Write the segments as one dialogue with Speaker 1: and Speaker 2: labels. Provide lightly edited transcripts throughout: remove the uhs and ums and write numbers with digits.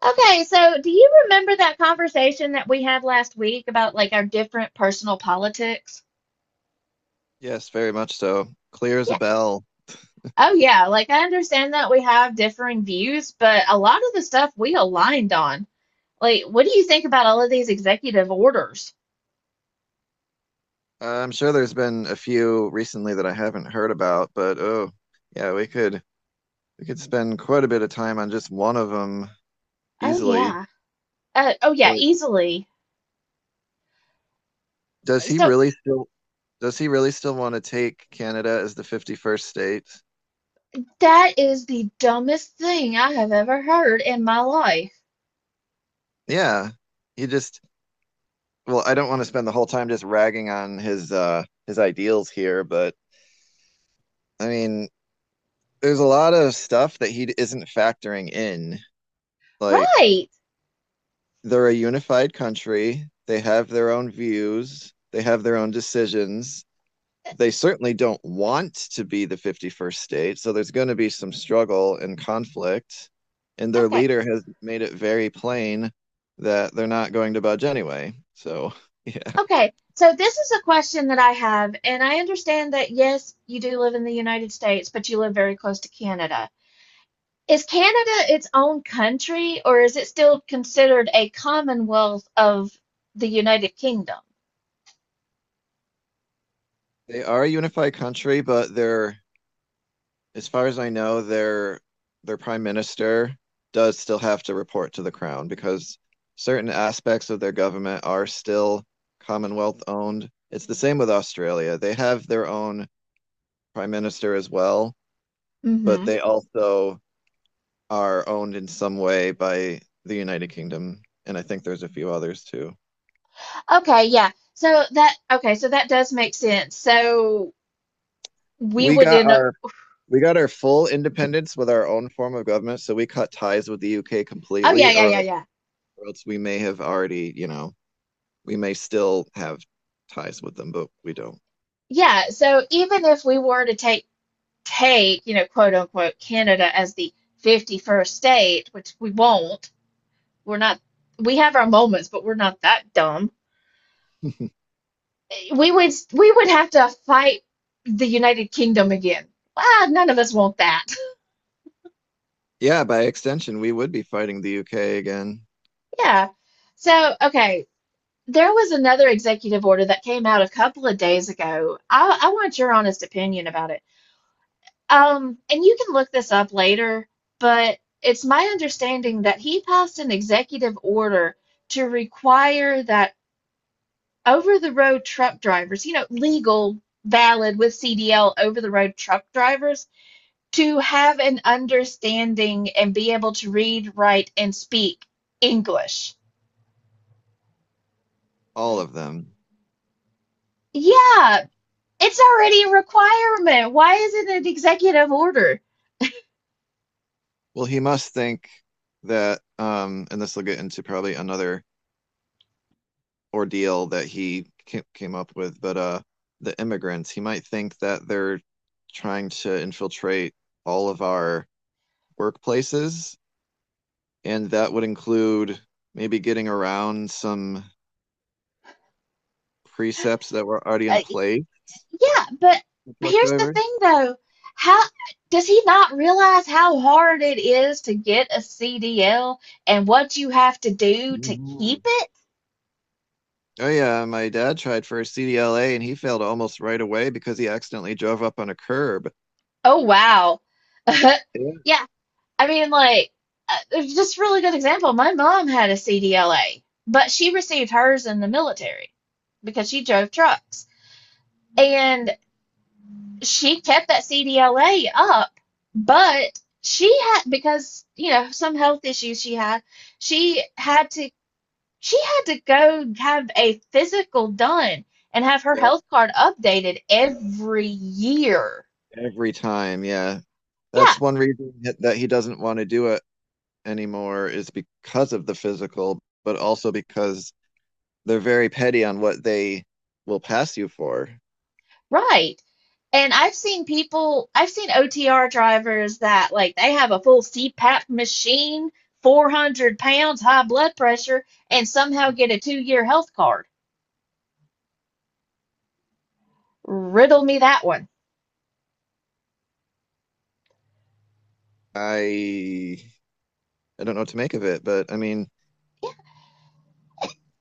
Speaker 1: Okay, so do you remember that conversation that we had last week about our different personal politics?
Speaker 2: Yes, very much so. Clear as
Speaker 1: Yeah.
Speaker 2: a bell.
Speaker 1: Oh, yeah. Like I understand that we have differing views, but a lot of the stuff we aligned on. Like, what do you think about all of these executive orders?
Speaker 2: I'm sure there's been a few recently that I haven't heard about, but yeah, we could we could spend quite a bit of time on just one of them
Speaker 1: Oh,
Speaker 2: easily.
Speaker 1: yeah. Oh, yeah,
Speaker 2: But
Speaker 1: easily.
Speaker 2: does he
Speaker 1: So
Speaker 2: really still does he really still want to take Canada as the 51st state?
Speaker 1: that is the dumbest thing I have ever heard in my life.
Speaker 2: Yeah. He just I don't want to spend the whole time just ragging on his ideals here, but I mean, there's a lot of stuff that he isn't factoring in. Like
Speaker 1: Right.
Speaker 2: they're a unified country. They have their own views. They have their own decisions. They certainly don't want to be the 51st state. So there's going to be some struggle and conflict. And their
Speaker 1: Okay.
Speaker 2: leader has made it very plain that they're not going to budge anyway. So, yeah,
Speaker 1: Okay, so this is a question that I have, and I understand that yes, you do live in the United States, but you live very close to Canada. Is Canada its own country, or is it still considered a commonwealth of the United Kingdom?
Speaker 2: they are a unified country, but they're as far as I know, their prime minister does still have to report to the crown because certain aspects of their government are still Commonwealth owned. It's the same with Australia. They have their own prime minister as well, but
Speaker 1: Hmm.
Speaker 2: they also are owned in some way by the United Kingdom. And I think there's a few others too.
Speaker 1: Okay, yeah. So that okay, so that does make sense. So we
Speaker 2: We
Speaker 1: would
Speaker 2: got
Speaker 1: in a,
Speaker 2: our we got our full independence with our own form of government, so we cut ties with the UK
Speaker 1: oh yeah,
Speaker 2: completely,
Speaker 1: yeah,
Speaker 2: or,
Speaker 1: yeah, yeah.
Speaker 2: or else we may have already, you know, we may still have ties with them, but we don't.
Speaker 1: Yeah, so even if we were to take you know, quote unquote Canada as the 51st state, which we won't. We're not, we have our moments, but we're not that dumb. We would have to fight the United Kingdom again. Well, none of us want that.
Speaker 2: Yeah, by extension, we would be fighting the UK again,
Speaker 1: Yeah. Okay, there was another executive order that came out a couple of days ago. I want your honest opinion about it. And you can look this up later, but it's my understanding that he passed an executive order to require that over the road truck drivers, you know, legal, valid with CDL over the road truck drivers to have an understanding and be able to read, write, and speak English.
Speaker 2: all of them.
Speaker 1: Yeah, it's already a requirement. Why is it an executive order?
Speaker 2: Well, he must think that, and this will get into probably another ordeal that he came up with, but the immigrants, he might think that they're trying to infiltrate all of our workplaces, and that would include maybe getting around some precepts that were already in
Speaker 1: Uh,
Speaker 2: place.
Speaker 1: yeah, but
Speaker 2: For truck
Speaker 1: here's the
Speaker 2: driver.
Speaker 1: thing though. How does he not realize how hard it is to get a CDL and what you have to do to keep
Speaker 2: Mhm.
Speaker 1: it?
Speaker 2: Oh yeah, my dad tried for a CDLA and he failed almost right away because he accidentally drove up on a curb.
Speaker 1: Oh, wow.
Speaker 2: Yeah.
Speaker 1: Yeah, I mean, it's just a really good example. My mom had a CDLA, but she received hers in the military because she drove trucks. And she kept that CDLA up, but she had, because, you know, some health issues she had, she had to, she had to go have a physical done and have her
Speaker 2: Yeah,
Speaker 1: health card updated every year.
Speaker 2: every time. Yeah.
Speaker 1: Yeah.
Speaker 2: That's one reason that he doesn't want to do it anymore is because of the physical, but also because they're very petty on what they will pass you for.
Speaker 1: Right. And I've seen people, I've seen OTR drivers that like they have a full CPAP machine, 400 pounds, high blood pressure, and somehow get a two-year health card. Riddle me that one.
Speaker 2: I I don't know what to make of it, but I mean,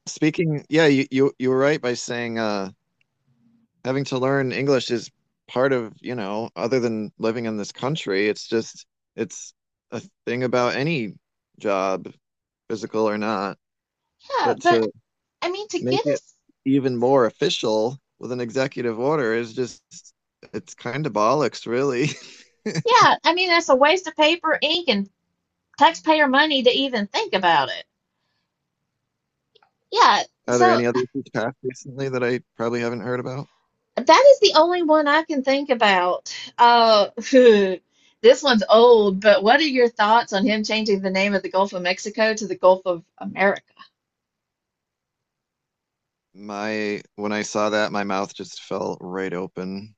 Speaker 2: speaking, yeah, you were right by saying having to learn English is part of, you know, other than living in this country, it's just it's a thing about any job, physical or not.
Speaker 1: Yeah,
Speaker 2: But
Speaker 1: but
Speaker 2: to
Speaker 1: I mean, to
Speaker 2: make
Speaker 1: get
Speaker 2: it
Speaker 1: us,
Speaker 2: even more official with an executive order is just it's kind of bollocks, really.
Speaker 1: yeah, I mean, that's a waste of paper, ink, and taxpayer money to even think about it. Yeah.
Speaker 2: Are there
Speaker 1: So
Speaker 2: any others that's passed recently that I probably haven't heard about?
Speaker 1: that is the only one I can think about. This one's old, but what are your thoughts on him changing the name of the Gulf of Mexico to the Gulf of America?
Speaker 2: My when I saw that, my mouth just fell right open.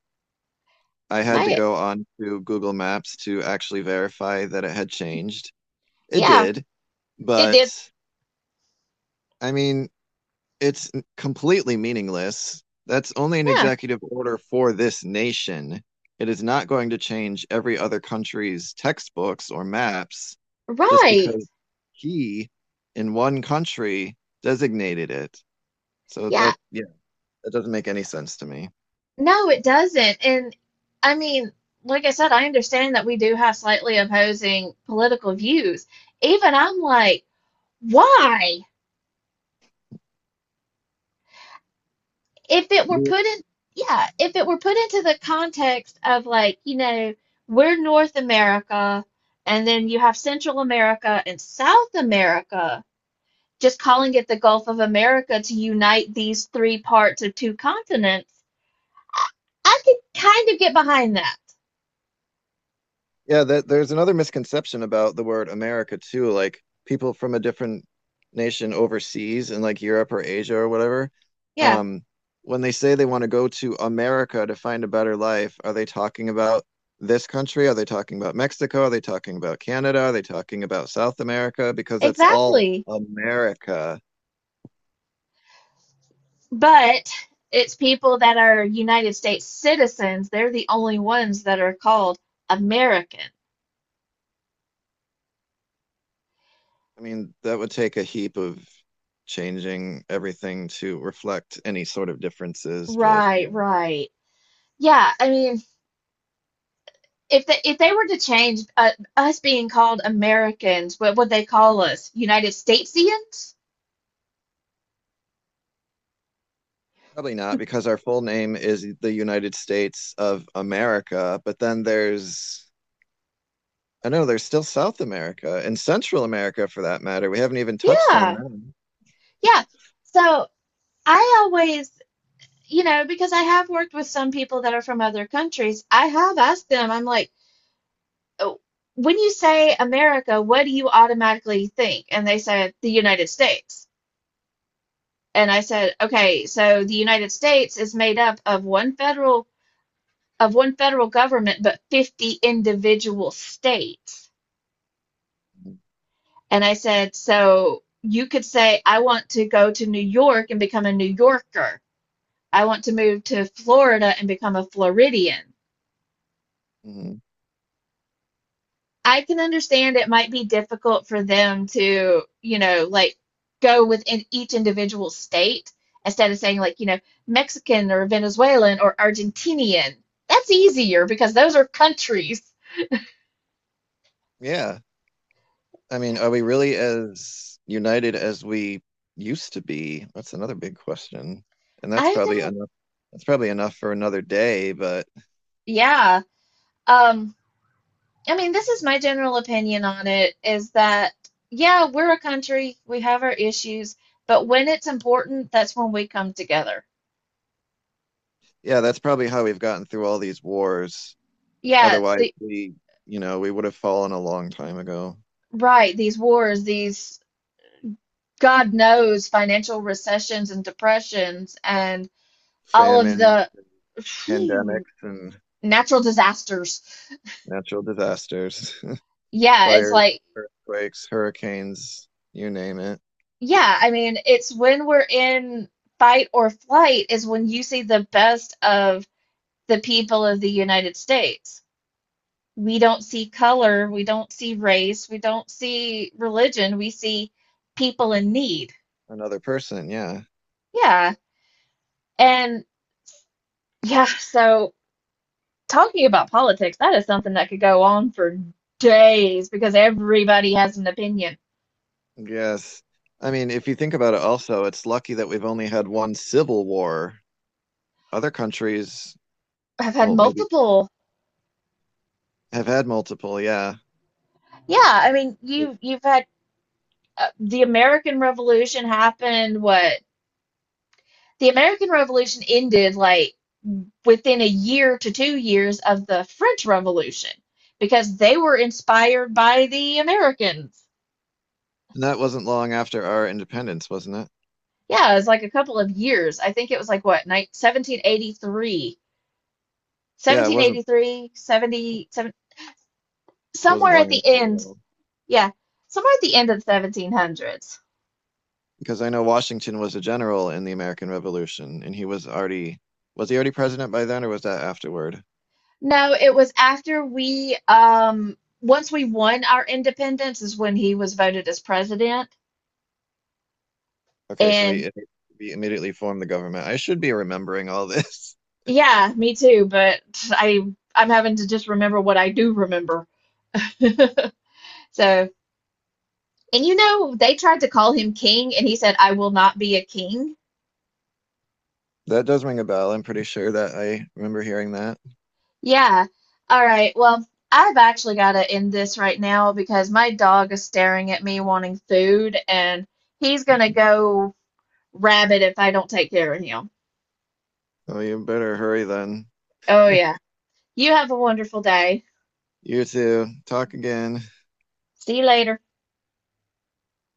Speaker 2: I had to
Speaker 1: May
Speaker 2: go on to Google Maps to actually verify that it had changed. It
Speaker 1: Yeah,
Speaker 2: did.
Speaker 1: it
Speaker 2: But
Speaker 1: did.
Speaker 2: I mean, it's completely meaningless. That's only an
Speaker 1: Yeah,
Speaker 2: executive order for this nation. It is not going to change every other country's textbooks or maps just
Speaker 1: right.
Speaker 2: because he in one country designated it. So
Speaker 1: Yeah,
Speaker 2: that, yeah, that doesn't make any sense to me.
Speaker 1: no, it doesn't. And I mean, like I said, I understand that we do have slightly opposing political views. Even I'm like, why? If it were put in, yeah, if it were put into the context of we're North America, and then you have Central America and South America, just calling it the Gulf of America to unite these three parts of two continents, I, I could kind of get behind that.
Speaker 2: Yeah, that there's another misconception about the word America too. Like people from a different nation overseas in like Europe or Asia or whatever,
Speaker 1: Yeah,
Speaker 2: um, when they say they want to go to America to find a better life, are they talking about this country? Are they talking about Mexico? Are they talking about Canada? Are they talking about South America? Because that's all
Speaker 1: exactly.
Speaker 2: America.
Speaker 1: But it's people that are United States citizens, they're the only ones that are called American.
Speaker 2: I mean, that would take a heap of changing everything to reflect any sort of differences, but
Speaker 1: Right,
Speaker 2: you
Speaker 1: right. Yeah, I mean, if they were to change us being called Americans, what would they call us? United Statesians?
Speaker 2: probably not, because our full name is the United States of America, but I know there's still South America and Central America for that matter. We haven't even touched on
Speaker 1: Yeah,
Speaker 2: them.
Speaker 1: yeah. So I always, you know, because I have worked with some people that are from other countries, I have asked them. I'm like, oh, when you say America, what do you automatically think? And they said the United States. And I said, okay, so the United States is made up of one federal government, but 50 individual states. And I said, so you could say, I want to go to New York and become a New Yorker. I want to move to Florida and become a Floridian.
Speaker 2: Mhm.
Speaker 1: I can understand it might be difficult for them to, you know, like, go within each individual state instead of saying, Mexican or Venezuelan or Argentinian. That's easier because those are countries.
Speaker 2: Yeah. I mean, are we really as united as we used to be? That's another big question. And that's
Speaker 1: I
Speaker 2: probably
Speaker 1: don't,
Speaker 2: enough. That's probably enough for another day, but
Speaker 1: yeah. Um, I mean, this is my general opinion on it is that, yeah, we're a country, we have our issues, but when it's important, that's when we come together.
Speaker 2: yeah, that's probably how we've gotten through all these wars.
Speaker 1: Yeah,
Speaker 2: Otherwise,
Speaker 1: the
Speaker 2: you know, we would have fallen a long time ago.
Speaker 1: right, these God knows financial recessions and depressions and all of
Speaker 2: Famine,
Speaker 1: the
Speaker 2: pandemics,
Speaker 1: phew,
Speaker 2: and
Speaker 1: natural disasters.
Speaker 2: natural disasters,
Speaker 1: Yeah, it's
Speaker 2: fires,
Speaker 1: like,
Speaker 2: earthquakes, hurricanes, you name it.
Speaker 1: yeah, I mean, it's when we're in fight or flight is when you see the best of the people of the United States. We don't see color, we don't see race, we don't see religion, we see people in need.
Speaker 2: Another person, yeah.
Speaker 1: Yeah. And yeah, so talking about politics, that is something that could go on for days because everybody has an opinion.
Speaker 2: Yes. I mean, if you think about it also, it's lucky that we've only had one civil war. Other countries,
Speaker 1: I've had
Speaker 2: well, maybe
Speaker 1: multiple.
Speaker 2: have had multiple, yeah.
Speaker 1: Yeah, I mean, you've had the American Revolution happened, what? The American Revolution ended like within a year to 2 years of the French Revolution because they were inspired by the Americans.
Speaker 2: And that wasn't long after our independence, wasn't it?
Speaker 1: Yeah, it was like a couple of years. I think it was like what, 1783,
Speaker 2: Yeah, it wasn't
Speaker 1: somewhere at
Speaker 2: long
Speaker 1: the
Speaker 2: after at
Speaker 1: end.
Speaker 2: all.
Speaker 1: Yeah, somewhere at the end of the 1700s.
Speaker 2: Because I know Washington was a general in the American Revolution and he was already, was he already president by then or was that afterward?
Speaker 1: No, it was after we, once we won our independence, is when he was voted as president
Speaker 2: Okay, so
Speaker 1: and.
Speaker 2: he, he immediately formed the government. I should be remembering all this.
Speaker 1: Yeah, me too, but I I'm having to just remember what I do remember. So, and you know, they tried to call him king and he said, I will not be a king.
Speaker 2: That does ring a bell. I'm pretty sure that I remember hearing that.
Speaker 1: Yeah. All right. Well, I've actually got to end this right now because my dog is staring at me wanting food and he's going to go rabid if I don't take care of him.
Speaker 2: Oh, you better hurry then.
Speaker 1: Oh, yeah. You have a wonderful day.
Speaker 2: You two. Talk again.
Speaker 1: See you later.